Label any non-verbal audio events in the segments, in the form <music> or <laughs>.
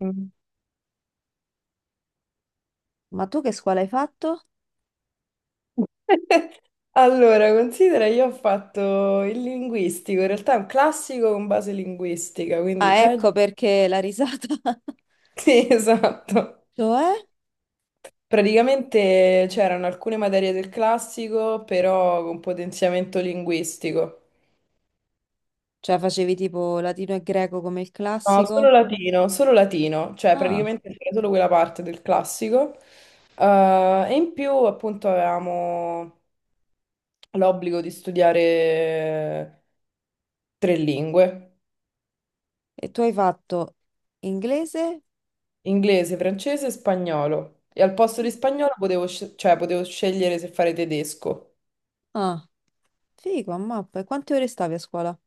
Mm. Ma tu che scuola hai fatto? <laughs> Allora, considera, io ho fatto il linguistico, in realtà è un classico con base linguistica, quindi Ah, peggio. ecco <laughs> perché la risata. <laughs> Sì, esatto. Cioè? Praticamente c'erano alcune materie del classico, però con potenziamento linguistico. Cioè facevi tipo latino e greco come il No, classico? Solo latino, cioè Ah, praticamente c'era solo quella parte del classico. E in più, appunto, avevamo l'obbligo di studiare tre lingue. e tu hai fatto inglese? Inglese, francese e spagnolo. E al posto di spagnolo potevo, cioè, potevo scegliere se fare tedesco. Ah, figo, a mappa. E quante ore stavi a scuola?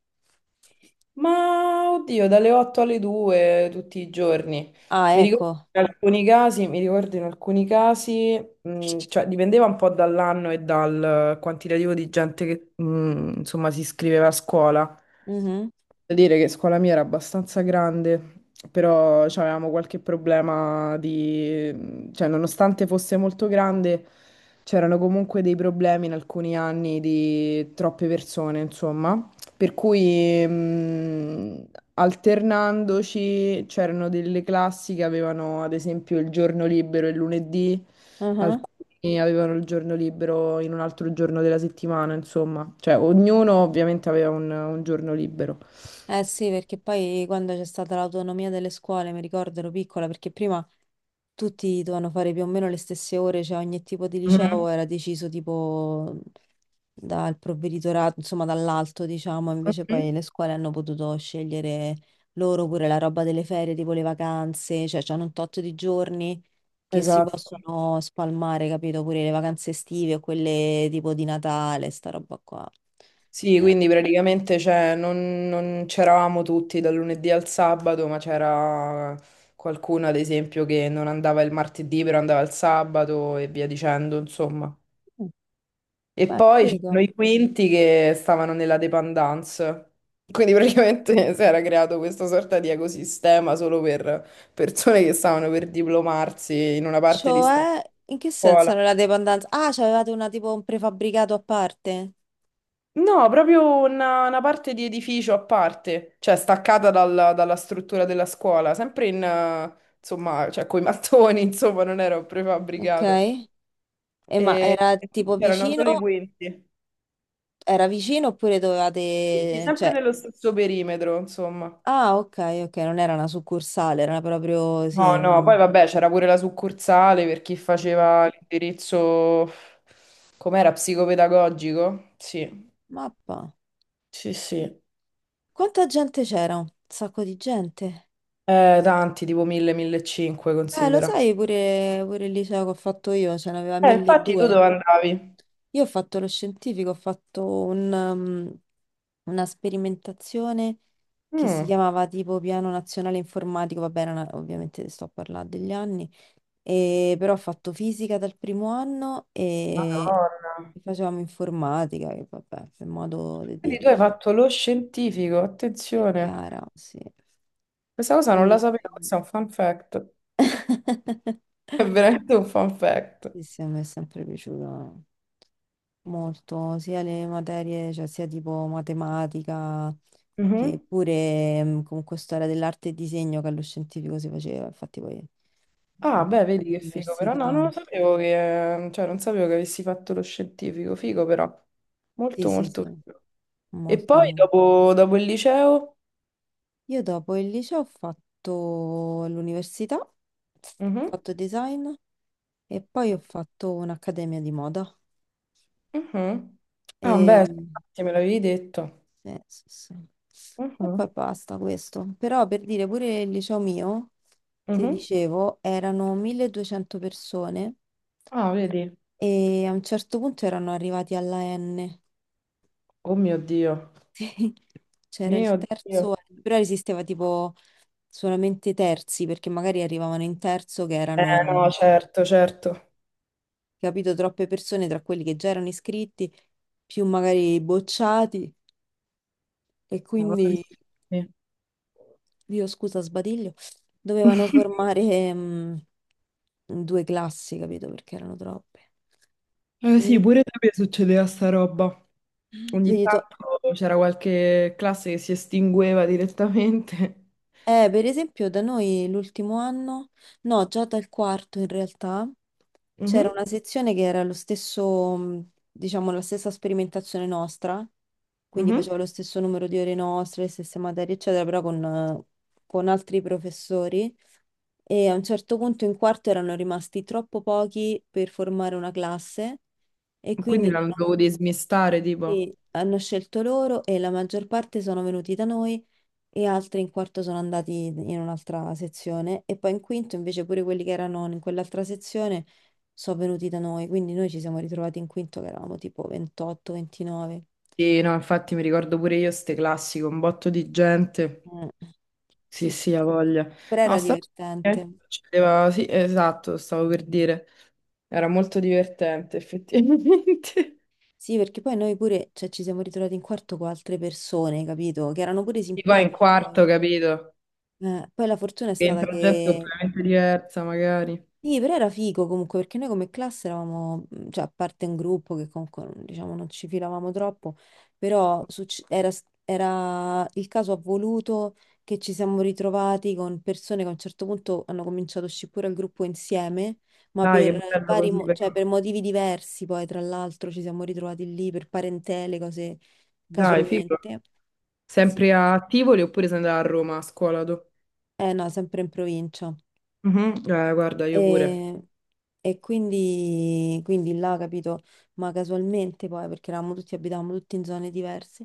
Ma oddio, dalle 8 alle 2 tutti i giorni. Ah, Mi ricordo ecco. in alcuni casi, mi ricordo in alcuni casi, cioè dipendeva un po' dall'anno e dal quantitativo di gente che, insomma, si iscriveva a scuola. Mhm, Devo dire che scuola mia era abbastanza grande, però avevamo qualche problema di cioè nonostante fosse molto grande, c'erano comunque dei problemi in alcuni anni di troppe persone, insomma. Per cui alternandoci c'erano delle classi che avevano ad esempio il giorno libero il lunedì. mhm. Alcuni avevano il giorno libero in un altro giorno della settimana, insomma. Cioè, ognuno ovviamente aveva un giorno libero. Eh sì, perché poi quando c'è stata l'autonomia delle scuole, mi ricordo ero piccola, perché prima tutti dovevano fare più o meno le stesse ore, cioè ogni tipo di Mhm, liceo era deciso tipo dal provveditorato, insomma dall'alto, diciamo, invece poi mhm. le scuole hanno potuto scegliere loro pure la roba delle ferie, tipo le vacanze, cioè hanno un tot di giorni che si Esatto. possono spalmare, capito? Pure le vacanze estive o quelle tipo di Natale, sta roba qua. Sì, Eh, quindi praticamente cioè, non c'eravamo tutti dal lunedì al sabato, ma c'era qualcuno, ad esempio, che non andava il martedì, però andava il sabato e via dicendo, insomma. E Beh, poi figo. c'erano i quinti che stavano nella dependance. Quindi praticamente <laughs> si era creato questa sorta di ecosistema solo per persone che stavano per diplomarsi in una parte di sta Cioè, in che senso scuola. non la dependenza? Ah, c'avevate una tipo un prefabbricato a parte? No, proprio una parte di edificio a parte, cioè staccata dalla struttura della scuola, sempre in, insomma, cioè coi mattoni, <laughs> insomma, non era un Ok. prefabbricato. E ma era E quindi tipo erano solo i vicino? quinti. Era vicino oppure Sì, sì, dovevate... sempre Cioè... nello stesso perimetro, insomma. Ah, ok, ok, non era una succursale, era proprio... Sì. No, no, Mm. poi vabbè, c'era pure la succursale per chi faceva l'indirizzo, com'era, psicopedagogico? Sì, Mappa. sì, sì. Quanta gente c'era? Un sacco di gente. Tanti, tipo 1000, 1500, Lo considera. sai pure, pure il liceo che ho fatto io, ce n'aveva Infatti tu 1200. dove andavi? Io ho fatto lo scientifico, ho fatto un, una sperimentazione che si Mm, chiamava tipo Piano Nazionale Informatico, vabbè, era una- ovviamente sto a parlare degli anni. E però ho fatto fisica dal primo anno e Madonna. facevamo informatica, che vabbè, per modo di Quindi dire. tu hai fatto lo scientifico, Che attenzione. cara, sì. Questa cosa non la E... sapevo, questo è un fun fact. <laughs> È veramente un fun fact. Sì, sì, a me è sempre piaciuto molto, sia le materie, cioè sia tipo matematica, che Mhm. pure comunque storia dell'arte e disegno che allo scientifico si faceva, infatti poi, Ah, vabbè, beh, pure vedi che figo, però no, non l'università, lo sapevo che, cioè, non sapevo che avessi fatto lo scientifico, figo però, sì, molto sì, molto sì, figo. E poi molto. dopo, dopo il liceo? Io dopo il liceo ho fatto l'università, ho Mhm, fatto design e poi ho fatto un'accademia di moda. mhm. Ah, E... beh, infatti me l'avevi detto. sì, sì, sì. E poi Mhm, basta questo. Però per dire pure il liceo mio, se mhm. dicevo, erano 1200 persone Ah, vedi? e a un certo punto erano arrivati alla N. <laughs> Oh mio Dio, Sì. C'era il mio Dio. terzo, anno, però esisteva tipo solamente terzi, perché magari arrivavano in terzo che Eh erano no, certo, certo. capito, troppe persone tra quelli che già erano iscritti, più magari i bocciati, e Ah, quindi, sì. io scusa, sbadiglio, dovevano <laughs> formare due classi, capito, perché erano troppe. Eh sì, Invece, pure da me succedeva sta roba. Ogni vedi, to- tanto c'era qualche classe che si estingueva direttamente. <laughs> Per esempio, da noi l'ultimo anno, no, già dal quarto in realtà, c'era Mhm, una sezione che era lo stesso, diciamo, la stessa sperimentazione nostra, quindi mhm. faceva lo stesso numero di ore nostre, le stesse materie, eccetera, però con altri professori. E a un certo punto in quarto erano rimasti troppo pochi per formare una classe e Quindi quindi la ne hanno dovevo dismistare, tipo. sì, hanno scelto loro e la maggior parte sono venuti da noi e altri in quarto sono andati in un'altra sezione e poi in quinto invece pure quelli che erano in quell'altra sezione sono venuti da noi, quindi noi ci siamo ritrovati in quinto che eravamo tipo 28, 29. Sì, no, infatti mi ricordo pure io ste classi con un botto di gente. Mm. Sì, Sì, sì, sì, ha voglia. però No, era sta divertente. succedeva- Sì, esatto, stavo per dire. Era molto divertente, effettivamente. Sì, perché poi noi pure, cioè, ci siamo ritrovati in quarto con altre persone, capito? Che erano pure <laughs> E poi in simpatici poi. quarto, capito? Poi la fortuna è Che stata entra gente che completamente diversa, magari. sì, però era figo comunque perché noi come classe eravamo, cioè a parte un gruppo che comunque non- diciamo non ci filavamo troppo, però succe- era, s- era- il caso ha voluto che ci siamo ritrovati con persone che a un certo punto hanno cominciato a uscire pure al gruppo insieme, ma Dai, che per bello vari, così, mo- però. cioè per motivi diversi poi tra l'altro ci siamo ritrovati lì per parentele, cose Dai, figo. casualmente. Sì. Sempre a Tivoli oppure sei andata a Roma a scuola tu? Eh no, sempre in provincia. Mhm, eh, guarda, io pure. E, e quindi, quindi là, capito, ma casualmente poi, perché eravamo tutti, abitavamo tutti in zone diverse,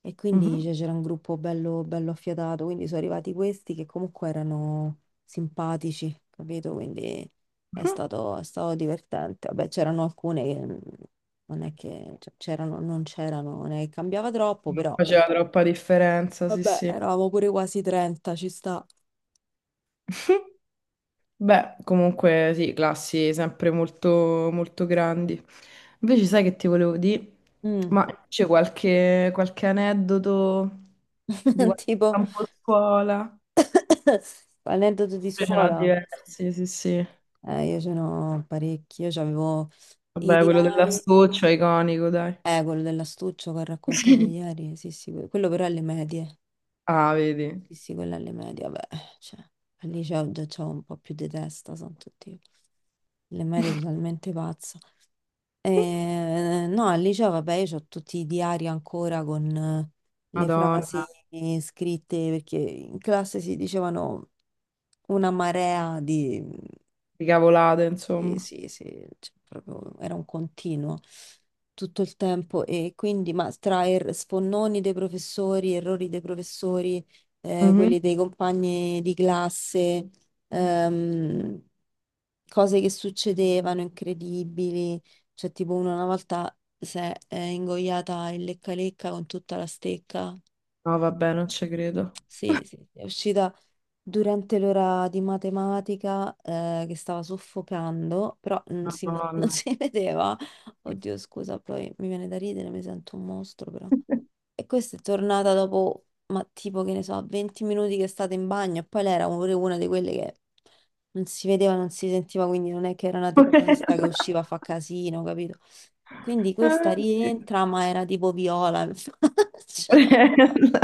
e quindi Mhm, cioè, c'era un gruppo bello, bello affiatato, quindi sono arrivati questi che comunque erano simpatici, capito? Quindi mhm. È stato divertente. Vabbè, c'erano alcune che non è che cioè, c'erano, non è che cambiava troppo, Non però faceva troppa differenza, sì, vabbè, sì. eravamo pure quasi 30, ci sta. <laughs> Beh, comunque sì, classi sempre molto, molto grandi. Invece sai che ti volevo dire? Mm, Ma c'è qualche aneddoto di <laughs> qualche tipo, campo scuola? <coughs> aneddoto di Io ce n'ho scuola. diversi, sì, sì. Io ce n'ho parecchi, io c'avevo i Vabbè, quello diari, dell'astuccio è iconico, dai. Quello dell'astuccio che ho raccontato ieri, sì, sì, que- quello però alle medie, Ah, vedi. sì, sì, quello alle medie, vabbè, cioè, al liceo già c'ho un po' più di testa, sono tutti, le medie <laughs> totalmente pazza. No, al liceo, vabbè, io c'ho tutti i diari ancora con le frasi Madonna, scritte, perché in classe si dicevano una marea di che cavolate, sì, insomma. sì, sì, cioè, proprio era un continuo tutto il tempo e quindi, ma tra er- sfonnoni dei professori, errori dei professori, Mhm. quelli dei compagni di classe, ehm, cose che succedevano incredibili, cioè tipo uno una volta si è ingoiata il lecca-lecca con tutta la stecca, No, vabbè, non ci credo. sì, sì, è uscita durante l'ora di matematica che stava soffocando, però non si, vo- <laughs> non Madonna. si vedeva. Oddio, scusa, poi mi viene da ridere, mi sento un mostro però. E questa è tornata dopo, ma tipo che ne so, 20 minuti che è stata in bagno e poi lei era pure una di quelle che non si vedeva, non si sentiva, quindi non è che era una teppista che usciva a fa <laughs> casino, capito? Quindi questa rientra, ma era tipo viola in <laughs> faccia. Porella.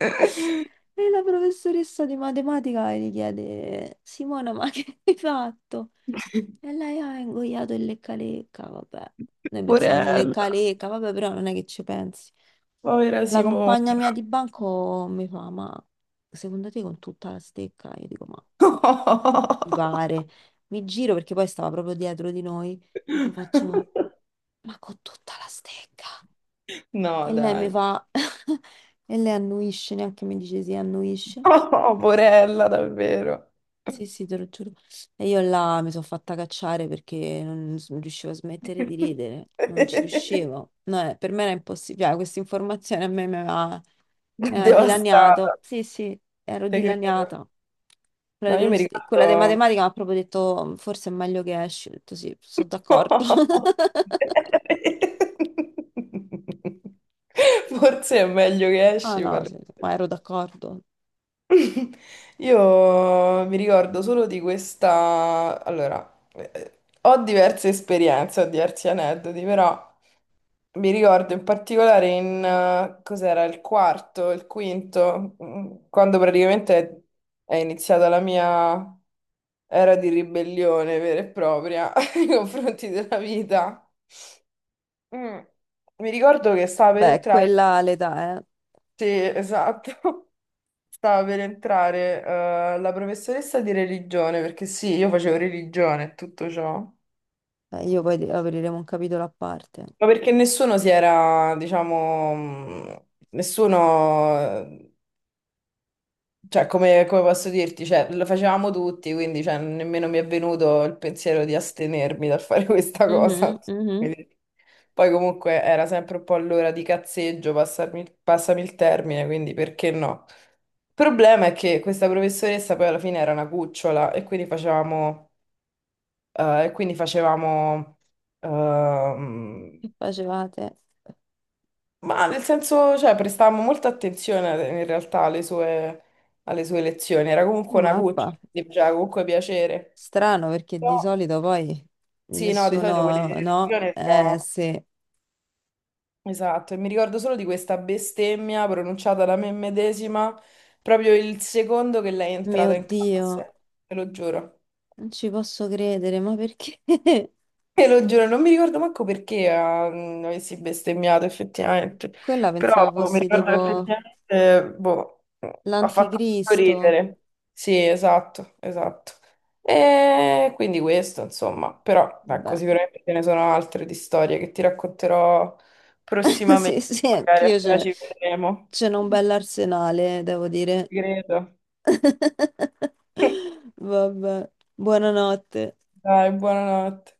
Ah, E la professoressa di matematica gli chiede, "Simona, ma che hai fatto?" Dio. E lei, "ha ingoiato il lecca-lecca", vabbè. Noi Porella. pensiamo il Porella. lecca-lecca, vabbè, però non è che ci pensi. Povera La Simona. compagna mia di banco mi fa, "ma secondo te con tutta la stecca?" Io dico, "ma mi pare." <laughs> Mi giro perché poi stava proprio dietro di noi. Gli faccio, "ma con tutta la stecca?" No, E lei mi dai. fa, <laughs> e lei annuisce, neanche mi dice sì, annuisce. Oh, porella, davvero. Sì, sì, te lo giuro. E io là mi sono fatta cacciare perché non s- non riuscivo a smettere di ridere, non ci <laughs> riuscivo. No, per me era impossibile. Ah, questa informazione a me mi aveva Devastata, dilaniato. Sì, sì, ero te credo. dilaniata. Quella No, di, io mi quello- quella di ricordo. matematica mi ha proprio detto, "Mm, forse è meglio che esci." Ho detto sì, sono d'accordo. <laughs> <laughs> Forse è meglio che Ah esci, no, parli. sì, sì, ma ero d'accordo. Io mi ricordo solo di questa. Allora, ho diverse esperienze, ho diversi aneddoti, però mi ricordo in particolare in cos'era il quarto, il quinto, quando praticamente è iniziata la mia era di ribellione vera e propria <laughs> nei confronti della vita. Mm. Mi ricordo che stava per Beh, entrare, quella l'età, eh. sì, esatto, <laughs> stava per entrare la professoressa di religione, perché sì, io facevo religione e tutto ciò, Beh, io poi di- apriremo un capitolo a parte. ma perché nessuno si era, diciamo, nessuno cioè, come, come posso dirti? Cioè, lo facevamo tutti, quindi cioè, nemmeno mi è venuto il pensiero di astenermi dal fare <laughs> questa Mhm, cosa. mhm. Quindi poi comunque era sempre un po' all'ora di cazzeggio, passami il termine, quindi perché no? Il problema è che questa professoressa poi alla fine era una cucciola e quindi facevamo ehm, Che facevate? ma nel senso, cioè, prestavamo molta attenzione in realtà alle sue lezioni. Era comunque una Mappa. cuccia, quindi faceva comunque piacere. Strano perché Però, di solito poi sì, no, di solito quelle nessuno, no? lezioni Eh sono- sì, Esatto, e mi ricordo solo di questa bestemmia pronunciata da me medesima proprio il secondo che lei è entrata mio in Dio, classe, te lo giuro. non ci posso credere, ma perché? <laughs> Te lo giuro, non mi ricordo manco perché avessi bestemmiato effettivamente, Quella però pensavo boh, mi fossi ricordo che tipo effettivamente, boh, ha fatto molto l'anticristo. ridere. Sì, esatto, esatto. E quindi questo, insomma, però ecco, Beh, sicuramente ce ne sono altre di storie che ti racconterò <laughs> prossimamente, sì, sì, magari anch'io appena c'è ci vedremo. c'è un bell'arsenale, devo dire. Ci credo. <laughs> <laughs> Vabbè, buonanotte. Dai, buonanotte.